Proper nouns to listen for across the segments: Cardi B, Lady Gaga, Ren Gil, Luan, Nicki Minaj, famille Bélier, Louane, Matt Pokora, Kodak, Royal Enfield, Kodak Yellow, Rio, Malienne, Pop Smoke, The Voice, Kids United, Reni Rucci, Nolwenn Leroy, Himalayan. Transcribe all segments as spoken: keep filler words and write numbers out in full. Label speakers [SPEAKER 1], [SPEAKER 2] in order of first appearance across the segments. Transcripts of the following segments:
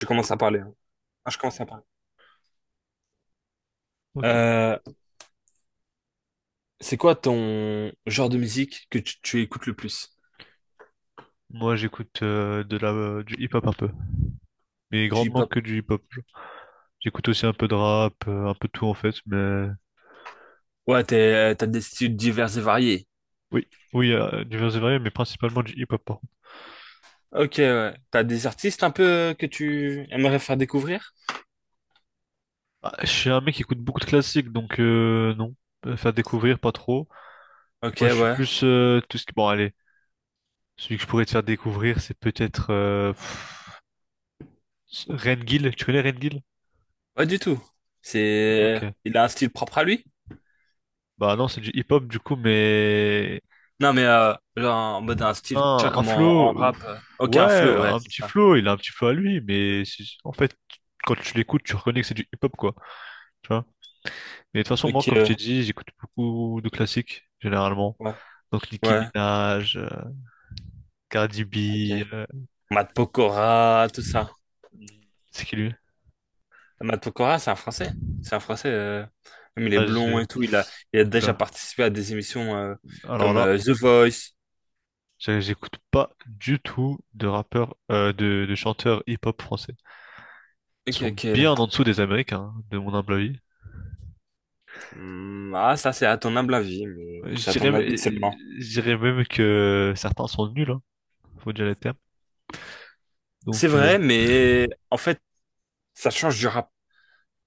[SPEAKER 1] Je commence à parler, hein. Ah, je commence à parler.
[SPEAKER 2] Ok.
[SPEAKER 1] Euh, c'est quoi ton genre de musique que tu, tu écoutes le plus?
[SPEAKER 2] Moi, j'écoute euh, de la euh, du hip-hop un peu, mais
[SPEAKER 1] Du
[SPEAKER 2] grandement
[SPEAKER 1] hip-hop.
[SPEAKER 2] que du hip-hop, genre. J'écoute aussi un peu de rap, euh, un peu de tout en fait, mais
[SPEAKER 1] Ouais, t'es- euh, t'as des styles divers et variés.
[SPEAKER 2] oui, oui, euh, divers et variés, mais principalement du hip-hop, par contre.
[SPEAKER 1] Ok, ouais. T'as des artistes un peu euh, que tu aimerais faire découvrir?
[SPEAKER 2] Ah, je suis un mec qui écoute beaucoup de classiques, donc euh, non. Euh, faire découvrir pas trop.
[SPEAKER 1] Ok,
[SPEAKER 2] Moi, je suis
[SPEAKER 1] ouais.
[SPEAKER 2] plus euh, tout ce qui... Bon, allez, celui que je pourrais te faire découvrir, c'est peut-être euh, pff, Ren Gil. Tu connais Ren Gil?
[SPEAKER 1] Pas du tout. C'est,
[SPEAKER 2] Ok.
[SPEAKER 1] il a un style propre à lui?
[SPEAKER 2] Bah non, c'est du hip-hop du coup, mais...
[SPEAKER 1] Non, mais euh, genre en mode un style, tu vois,
[SPEAKER 2] Un, un
[SPEAKER 1] comme en,
[SPEAKER 2] flow,
[SPEAKER 1] en
[SPEAKER 2] ouf,
[SPEAKER 1] rap. euh. Ok,
[SPEAKER 2] ouais,
[SPEAKER 1] un flow, ouais,
[SPEAKER 2] un
[SPEAKER 1] c'est
[SPEAKER 2] petit
[SPEAKER 1] ça.
[SPEAKER 2] flow, il a un petit flow à lui, mais c'est- en fait, quand tu l'écoutes, tu reconnais que c'est du hip-hop, quoi, tu vois. Mais de toute façon, moi,
[SPEAKER 1] Ok,
[SPEAKER 2] comme je
[SPEAKER 1] ouais.
[SPEAKER 2] t'ai dit, j'écoute beaucoup de classiques, généralement.
[SPEAKER 1] Ouais.
[SPEAKER 2] Donc, Nicki
[SPEAKER 1] Ouais.
[SPEAKER 2] Minaj, euh, Cardi B,
[SPEAKER 1] Ok.
[SPEAKER 2] euh,
[SPEAKER 1] Matt Pokora, tout ça.
[SPEAKER 2] c'est qui lui?
[SPEAKER 1] Matt Pokora, c'est un Français. C'est un Français. euh, Même il est
[SPEAKER 2] Ah,
[SPEAKER 1] blond
[SPEAKER 2] j'ai...
[SPEAKER 1] et tout. Il a, il a déjà
[SPEAKER 2] Oula.
[SPEAKER 1] participé à des émissions euh,
[SPEAKER 2] Alors
[SPEAKER 1] comme
[SPEAKER 2] là,
[SPEAKER 1] euh, The Voice.
[SPEAKER 2] j'ai- j'écoute pas du tout de rappeurs, euh, de, de chanteurs hip-hop français. Ils
[SPEAKER 1] Ok,
[SPEAKER 2] sont
[SPEAKER 1] ok.
[SPEAKER 2] bien en dessous des Américains, hein, de mon humble avis.
[SPEAKER 1] Hmm, ah, ça, c'est à ton humble avis, mais
[SPEAKER 2] Je
[SPEAKER 1] c'est à ton avis
[SPEAKER 2] dirais,
[SPEAKER 1] seulement.
[SPEAKER 2] je dirais même que certains sont nuls, hein. Faut déjà les termes.
[SPEAKER 1] C'est
[SPEAKER 2] Donc euh,
[SPEAKER 1] vrai, mais en fait, ça change du rap.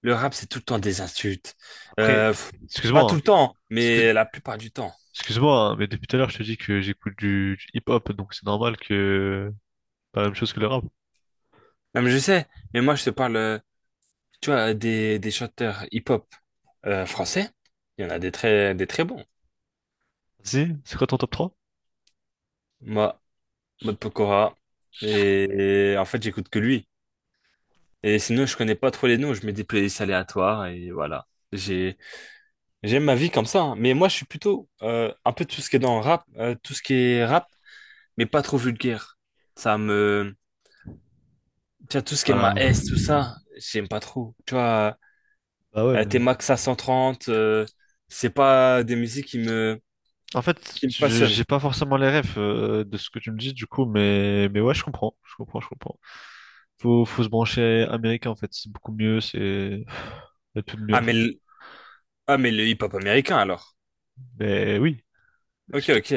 [SPEAKER 1] Le rap, c'est tout le temps des insultes.
[SPEAKER 2] après,
[SPEAKER 1] Euh, pff, Pas
[SPEAKER 2] excuse-moi,
[SPEAKER 1] tout le
[SPEAKER 2] hein.
[SPEAKER 1] temps,
[SPEAKER 2] Excuse-
[SPEAKER 1] mais la plupart du temps.
[SPEAKER 2] Excuse-moi, hein, mais depuis tout à l'heure je te dis que j'écoute du, du hip-hop, donc c'est normal que pas la même chose que le rap.
[SPEAKER 1] Non, mais je sais, mais moi, je te parle, euh, tu vois, des, des chanteurs hip-hop euh, français. Il y en a des très, des très bons.
[SPEAKER 2] Si, c'est quoi ton top trois?
[SPEAKER 1] Moi, Mode Pokora. Et, et en fait, j'écoute que lui. Et sinon, je connais pas trop les noms, je mets des playlists aléatoires et voilà. J'ai, J'aime ma vie comme ça, hein. Mais moi, je suis plutôt euh, un peu tout ce qui est dans le rap, euh, tout ce qui est rap, mais pas trop vulgaire. Ça me. Tu vois, tout ce qui est ma
[SPEAKER 2] Bah,
[SPEAKER 1] S, tout ça, j'aime pas trop. Tu vois,
[SPEAKER 2] bah ouais,
[SPEAKER 1] euh,
[SPEAKER 2] mais
[SPEAKER 1] t'es Max à cent trente, euh, c'est pas des musiques qui me,
[SPEAKER 2] en fait,
[SPEAKER 1] qui me
[SPEAKER 2] je-
[SPEAKER 1] passionnent.
[SPEAKER 2] j'ai pas forcément les refs euh, de ce que tu me dis du coup, mais mais ouais, je comprends, je comprends, je comprends. Faut faut se brancher américain en fait, c'est beaucoup mieux, c'est... y a tout de mieux en
[SPEAKER 1] Ah, mais
[SPEAKER 2] fait.
[SPEAKER 1] le, ah, mais le hip-hop américain alors.
[SPEAKER 2] Mais oui,
[SPEAKER 1] Ok,
[SPEAKER 2] je, te-
[SPEAKER 1] ok.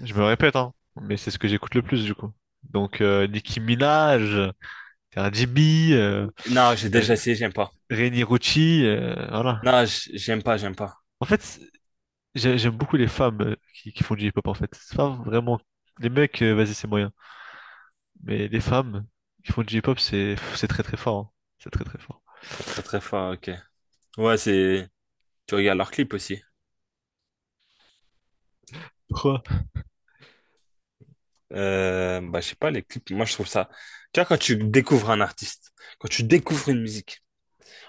[SPEAKER 2] je me répète hein, mais c'est ce que j'écoute le plus du coup. Donc euh, Nicki Minaj. Jimmy, euh,
[SPEAKER 1] Non, j'ai déjà
[SPEAKER 2] Re-
[SPEAKER 1] essayé, j'aime pas.
[SPEAKER 2] Reni Rucci, euh, voilà.
[SPEAKER 1] Non, j- j'aime pas, j'aime pas.
[SPEAKER 2] En fait, c'est- j'ai- j'aime beaucoup les femmes euh, qui, qui font du hip-hop, en fait. C'est pas vraiment... Les mecs, euh, vas-y, c'est moyen. Mais les femmes qui font du hip-hop, c'est c'est très très fort, hein. C'est très très fort.
[SPEAKER 1] C'est très très fort, ok. Ouais, c'est. Tu regardes leurs clips aussi.
[SPEAKER 2] Pourquoi?
[SPEAKER 1] Euh, bah, je sais pas, les clips, moi je trouve ça. Tu vois, quand tu découvres un artiste, quand tu découvres une musique,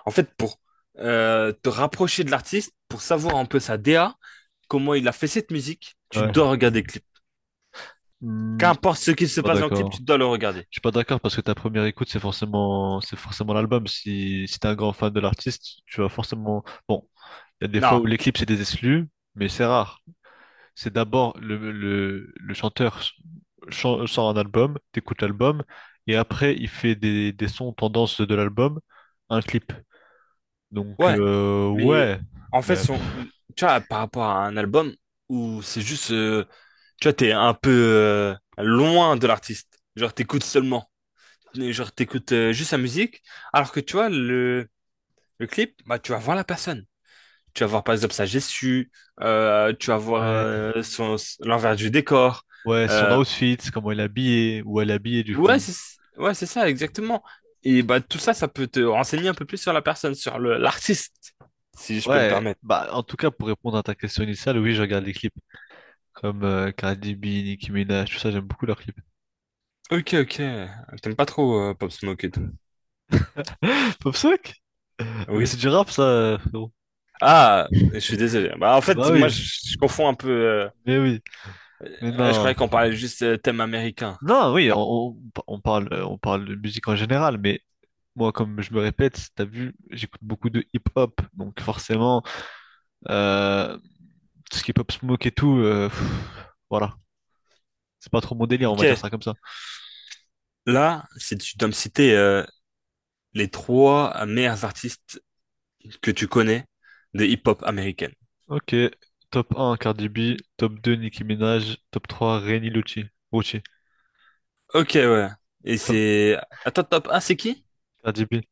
[SPEAKER 1] en fait, pour euh, te rapprocher de l'artiste, pour savoir un peu sa D A comment il a fait cette musique, tu
[SPEAKER 2] Ouais.
[SPEAKER 1] dois regarder le clip.
[SPEAKER 2] Hmm,
[SPEAKER 1] Qu'importe ce qui
[SPEAKER 2] je suis
[SPEAKER 1] se
[SPEAKER 2] pas
[SPEAKER 1] passe dans le clip,
[SPEAKER 2] d'accord.
[SPEAKER 1] tu dois le regarder.
[SPEAKER 2] Je suis pas d'accord parce que ta première écoute, c'est forcément, c'est forcément l'album. Si, si t'es un grand fan de l'artiste, tu vas forcément... Bon, il y a des fois
[SPEAKER 1] Non,
[SPEAKER 2] où les clips, c'est des exclus, mais c'est rare. C'est d'abord le, le, le chanteur chan- sort un album, t'écoutes l'album, et après il fait des, des sons tendance de l'album, un clip. Donc
[SPEAKER 1] ouais,
[SPEAKER 2] euh,
[SPEAKER 1] mais
[SPEAKER 2] ouais.
[SPEAKER 1] en fait,
[SPEAKER 2] Mais,
[SPEAKER 1] son...
[SPEAKER 2] pff,
[SPEAKER 1] Tu vois, par rapport à un album où c'est juste. euh, Tu vois, t'es un peu euh, loin de l'artiste. Genre, t'écoutes seulement. Et genre, t'écoutes euh, juste sa musique, alors que tu vois, le, le clip, bah, tu vas voir la personne. Tu vas voir par exemple sa gestu, euh, tu vas voir
[SPEAKER 2] ouais,
[SPEAKER 1] euh, son, l'envers du décor.
[SPEAKER 2] ouais, son
[SPEAKER 1] Euh,
[SPEAKER 2] outfit, comment il est habillé, où elle est habillée du
[SPEAKER 1] ouais,
[SPEAKER 2] coup.
[SPEAKER 1] c'est, ouais, c'est ça, exactement. Et bah, tout ça, ça peut te renseigner un peu plus sur la personne, sur le, l'artiste, si je peux me
[SPEAKER 2] Ouais,
[SPEAKER 1] permettre.
[SPEAKER 2] bah en tout cas pour répondre à ta question initiale, oui, je regarde les clips comme euh, Cardi B, Nicki Minaj, tout ça, j'aime beaucoup leurs clips.
[SPEAKER 1] Ok, ok. T'aimes pas trop euh, Pop Smoke et tout.
[SPEAKER 2] Popsec? Mais
[SPEAKER 1] Oui.
[SPEAKER 2] c'est du rap ça, frérot.
[SPEAKER 1] Ah, je suis désolé. Bah, en
[SPEAKER 2] Bah
[SPEAKER 1] fait, moi,
[SPEAKER 2] oui,
[SPEAKER 1] je, je confonds un peu. Euh,
[SPEAKER 2] mais oui, mais
[SPEAKER 1] euh, je
[SPEAKER 2] non.
[SPEAKER 1] croyais qu'on parlait juste euh, thème américain.
[SPEAKER 2] Non, oui,
[SPEAKER 1] Ah,
[SPEAKER 2] on, on- on parle, euh, on parle de musique en général, mais moi, comme je me répète, t'as vu, j'écoute beaucoup de hip-hop, donc forcément, euh, tout ce qui est pop smoke et tout, euh, pff, voilà, c'est pas trop mon délire, on
[SPEAKER 1] ok.
[SPEAKER 2] va dire ça comme ça.
[SPEAKER 1] Là, si tu dois me citer euh, les trois meilleurs artistes que tu connais de hip-hop américaine.
[SPEAKER 2] Ok, top un Cardi B, top deux Nicki Minaj, top trois Reni Luci, Rucci. Et
[SPEAKER 1] Ok, ouais. Et
[SPEAKER 2] toi?
[SPEAKER 1] c'est... Attends, top un, c'est qui?
[SPEAKER 2] Cardi B.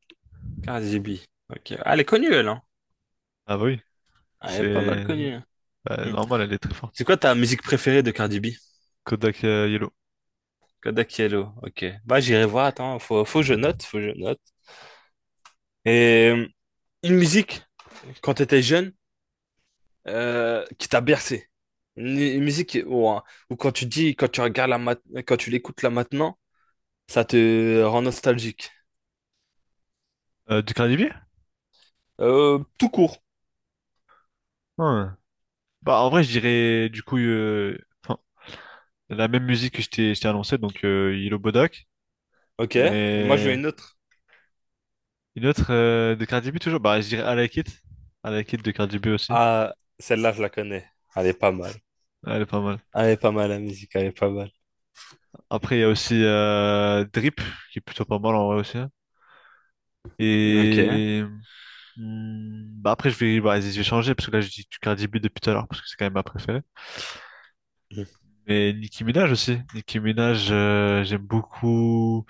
[SPEAKER 1] Cardi B. Ok. Ah, elle est connue, elle, hein.
[SPEAKER 2] Ah bah oui,
[SPEAKER 1] Ah, elle est pas mal
[SPEAKER 2] c'est
[SPEAKER 1] connue.
[SPEAKER 2] bah,
[SPEAKER 1] Hmm.
[SPEAKER 2] normal, elle est très
[SPEAKER 1] C'est
[SPEAKER 2] forte.
[SPEAKER 1] quoi ta musique préférée de Cardi B?
[SPEAKER 2] Kodak euh, Yellow.
[SPEAKER 1] Kodak Yellow. Ok. Bah, j'irai voir. Attends, faut, faut que je note, faut que je note. Et euh, une musique, quand t'étais jeune, euh, qui t'a bercé. Une, une musique, ou, ou quand tu dis, quand tu regardes la mat- quand tu l'écoutes là maintenant, ça te rend nostalgique.
[SPEAKER 2] Euh, du Cardi B?
[SPEAKER 1] Euh, tout court.
[SPEAKER 2] Ouais. Bah en vrai, je dirais du coup, euh, enfin, la même musique que je t'ai je t'ai annoncé, donc euh, Yellow Bodak.
[SPEAKER 1] Ok. Moi, je veux
[SPEAKER 2] Mais
[SPEAKER 1] une autre.
[SPEAKER 2] une autre euh, de Cardi B toujours, bah je dirais I Like It. I Like It de Cardi B aussi.
[SPEAKER 1] Ah, celle-là, je la connais. Elle est pas mal.
[SPEAKER 2] Elle est pas mal.
[SPEAKER 1] Elle est pas mal, la musique. Elle est pas mal.
[SPEAKER 2] Après, il y a aussi euh, Drip, qui est plutôt pas mal en vrai aussi, hein.
[SPEAKER 1] Ok.
[SPEAKER 2] Et hmm, bah après, je vais, bah, vas-y, je vais changer, parce que là, je dis du Cardi B depuis tout à l'heure, parce que c'est quand même ma préférée.
[SPEAKER 1] Mhm.
[SPEAKER 2] Mais Nicki Minaj aussi. Nicki Minaj, euh, j'aime beaucoup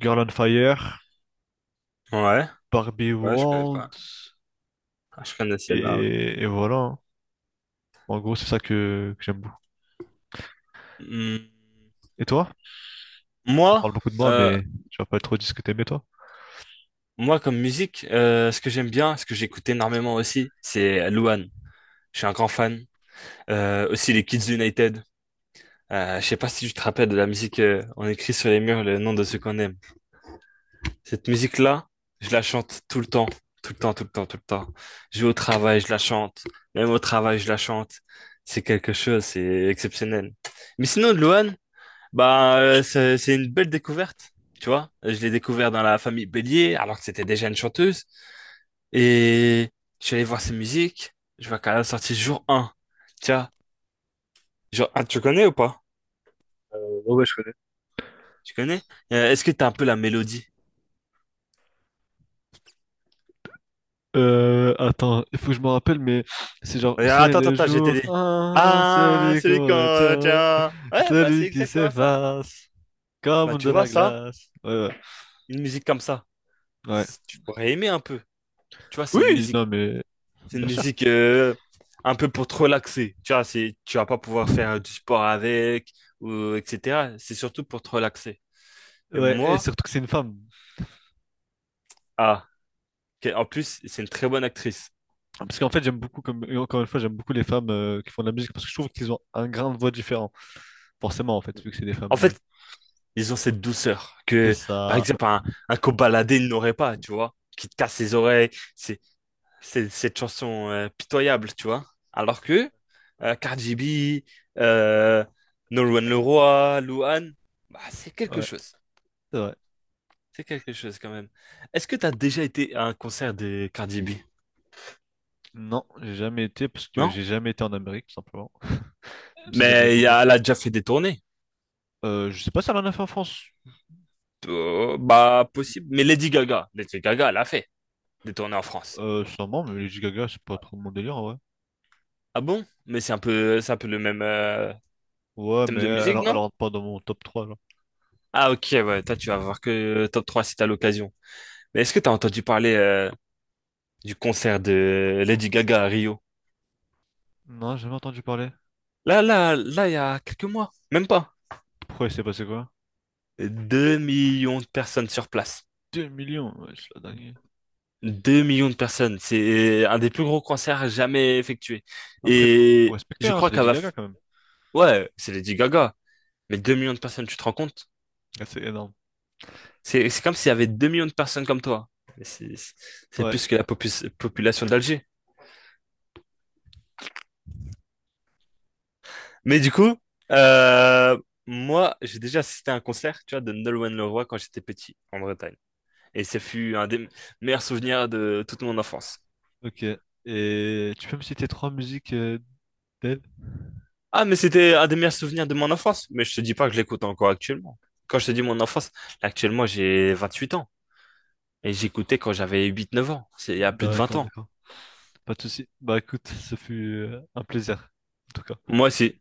[SPEAKER 2] Girl on Fire,
[SPEAKER 1] Ouais.
[SPEAKER 2] Barbie
[SPEAKER 1] Ouais, je connais pas.
[SPEAKER 2] World,
[SPEAKER 1] Ah, je connais celle-là. Ouais.
[SPEAKER 2] et, et voilà, hein. En gros, c'est ça que, que j'aime beaucoup.
[SPEAKER 1] Hmm.
[SPEAKER 2] Et toi? On
[SPEAKER 1] Moi,
[SPEAKER 2] parle beaucoup de moi,
[SPEAKER 1] euh,
[SPEAKER 2] mais tu vas pas trop dire ce que t'aimais, toi?
[SPEAKER 1] moi, comme musique, euh, ce que j'aime bien, ce que j'écoute énormément aussi, c'est Luan. Je suis un grand fan. Euh, aussi les Kids United. Euh, je sais pas si tu te rappelles de la musique, euh, on écrit sur les murs le nom de ceux qu'on aime. Cette musique-là, je la chante tout le temps, tout le temps, tout le temps, tout le temps. Je vais au travail, je la chante. Même au travail, je la chante. C'est quelque chose, c'est exceptionnel. Mais sinon, Luan, bah, euh, c'est c'est une belle découverte, tu vois. Je l'ai découvert dans la famille Bélier, alors que c'était déjà une chanteuse. Et je suis allé voir ses musiques. Je vois qu'elle a sorti jour un. Tiens, jour un, tu connais ou pas?
[SPEAKER 2] Euh, ouais, ouais, je connais.
[SPEAKER 1] Tu connais? Euh, est-ce que t'as un peu la mélodie?
[SPEAKER 2] Euh, attends, il faut que je me rappelle, mais c'est genre,
[SPEAKER 1] Et
[SPEAKER 2] c'est
[SPEAKER 1] attends, attends,
[SPEAKER 2] le
[SPEAKER 1] attends, je vais
[SPEAKER 2] jour
[SPEAKER 1] t'aider.
[SPEAKER 2] un
[SPEAKER 1] Ah,
[SPEAKER 2] celui
[SPEAKER 1] celui
[SPEAKER 2] qu'on
[SPEAKER 1] quand, euh,
[SPEAKER 2] retient,
[SPEAKER 1] tiens. Ouais, bah c'est
[SPEAKER 2] celui qui
[SPEAKER 1] exactement ça.
[SPEAKER 2] s'efface,
[SPEAKER 1] Bah
[SPEAKER 2] comme
[SPEAKER 1] tu
[SPEAKER 2] de
[SPEAKER 1] vois
[SPEAKER 2] la
[SPEAKER 1] ça,
[SPEAKER 2] glace. Ouais, ouais.
[SPEAKER 1] une musique comme ça,
[SPEAKER 2] Ouais.
[SPEAKER 1] c- tu pourrais aimer un peu. Tu vois, c'est une
[SPEAKER 2] Oui,
[SPEAKER 1] musique,
[SPEAKER 2] non, mais
[SPEAKER 1] c'est une
[SPEAKER 2] bien sûr.
[SPEAKER 1] musique euh, un peu pour te relaxer. Tu vois, c'est, tu vas pas pouvoir faire euh, du sport avec ou et cetera. C'est surtout pour te relaxer. Et
[SPEAKER 2] Ouais, et
[SPEAKER 1] moi,
[SPEAKER 2] surtout que c'est une femme.
[SPEAKER 1] ah, que- en plus, c'est une très bonne actrice.
[SPEAKER 2] Parce qu'en fait, j'aime beaucoup, comme et encore une fois, j'aime beaucoup les femmes euh, qui font de la musique parce que je trouve qu'ils ont un grain de voix différent. Forcément, en fait, vu que c'est des femmes,
[SPEAKER 1] En
[SPEAKER 2] mais...
[SPEAKER 1] fait, ils ont cette douceur
[SPEAKER 2] C'est
[SPEAKER 1] que, par
[SPEAKER 2] ça.
[SPEAKER 1] exemple, un, un Kobalade, ils n'aurait pas, tu vois, qui te casse les oreilles. C'est, c'est- Cette chanson euh, pitoyable, tu vois. Alors que euh, Cardi B, euh, Nolwenn Leroy, Louane, bah, c'est quelque
[SPEAKER 2] Ouais,
[SPEAKER 1] chose.
[SPEAKER 2] c'est vrai.
[SPEAKER 1] C'est quelque chose quand même. Est-ce que tu as déjà été à un concert de Cardi B?
[SPEAKER 2] Non, j'ai jamais été parce que
[SPEAKER 1] Non?
[SPEAKER 2] j'ai jamais été en Amérique, tout simplement. Même si j'aimerais
[SPEAKER 1] Mais il y
[SPEAKER 2] beaucoup.
[SPEAKER 1] a- elle a déjà fait des tournées.
[SPEAKER 2] Euh, je sais pas si elle en a fait en France.
[SPEAKER 1] Euh, bah, possible. Mais Lady Gaga, Lady Gaga, elle a fait des tournées en France.
[SPEAKER 2] Euh, sûrement, mais Lady Gaga, c'est pas trop mon délire, ouais.
[SPEAKER 1] Ah bon? Mais c'est un peu, c'est un peu le même euh,
[SPEAKER 2] Ouais,
[SPEAKER 1] thème
[SPEAKER 2] mais
[SPEAKER 1] de
[SPEAKER 2] euh,
[SPEAKER 1] musique,
[SPEAKER 2] alors, elle
[SPEAKER 1] non?
[SPEAKER 2] rentre pas dans mon top trois là.
[SPEAKER 1] Ah ok, ouais, toi tu vas voir que top trois si t'as l'occasion. Mais est-ce que t'as entendu parler euh, du concert de Lady Gaga à Rio.
[SPEAKER 2] Non, j'ai jamais entendu parler.
[SPEAKER 1] Là, là, là, il y a quelques mois, même pas.
[SPEAKER 2] Pourquoi il s'est passé quoi?
[SPEAKER 1] Deux millions de personnes sur place.
[SPEAKER 2] Deux millions, ouais, c'est la dinguerie.
[SPEAKER 1] Deux millions de personnes. C'est un des plus gros concerts jamais effectués.
[SPEAKER 2] Après, faut, faut
[SPEAKER 1] Et
[SPEAKER 2] respecter,
[SPEAKER 1] je
[SPEAKER 2] hein,
[SPEAKER 1] crois
[SPEAKER 2] c'est
[SPEAKER 1] qu'elle
[SPEAKER 2] Lady
[SPEAKER 1] va...
[SPEAKER 2] Gaga
[SPEAKER 1] f-
[SPEAKER 2] quand même.
[SPEAKER 1] Ouais, c'est Lady Gaga. Mais deux millions de personnes, tu te rends compte?
[SPEAKER 2] Ah, c'est énorme.
[SPEAKER 1] C'est c'est comme s'il y avait deux millions de personnes comme toi. Mais C'est c'est
[SPEAKER 2] Ouais,
[SPEAKER 1] plus que la popus- population d'Alger. Mais du coup, euh, moi, j'ai déjà assisté à un concert, tu vois, de Nolwenn Leroy quand j'étais petit, en Bretagne. Et ce fut un des meilleurs souvenirs de toute mon enfance.
[SPEAKER 2] ok. Et tu peux me citer trois musiques euh, d'elle?
[SPEAKER 1] Ah, mais c'était un des meilleurs souvenirs de mon enfance. Mais je te dis pas que je l'écoute encore actuellement. Quand je te dis mon enfance, là, actuellement, j'ai vingt-huit ans. Et j'écoutais quand j'avais huit, neuf ans. C'est il y a plus de vingt
[SPEAKER 2] D'accord,
[SPEAKER 1] ans.
[SPEAKER 2] d'accord. Pas de souci. Bah écoute, ce fut euh, un plaisir, en tout cas.
[SPEAKER 1] Moi, c'est,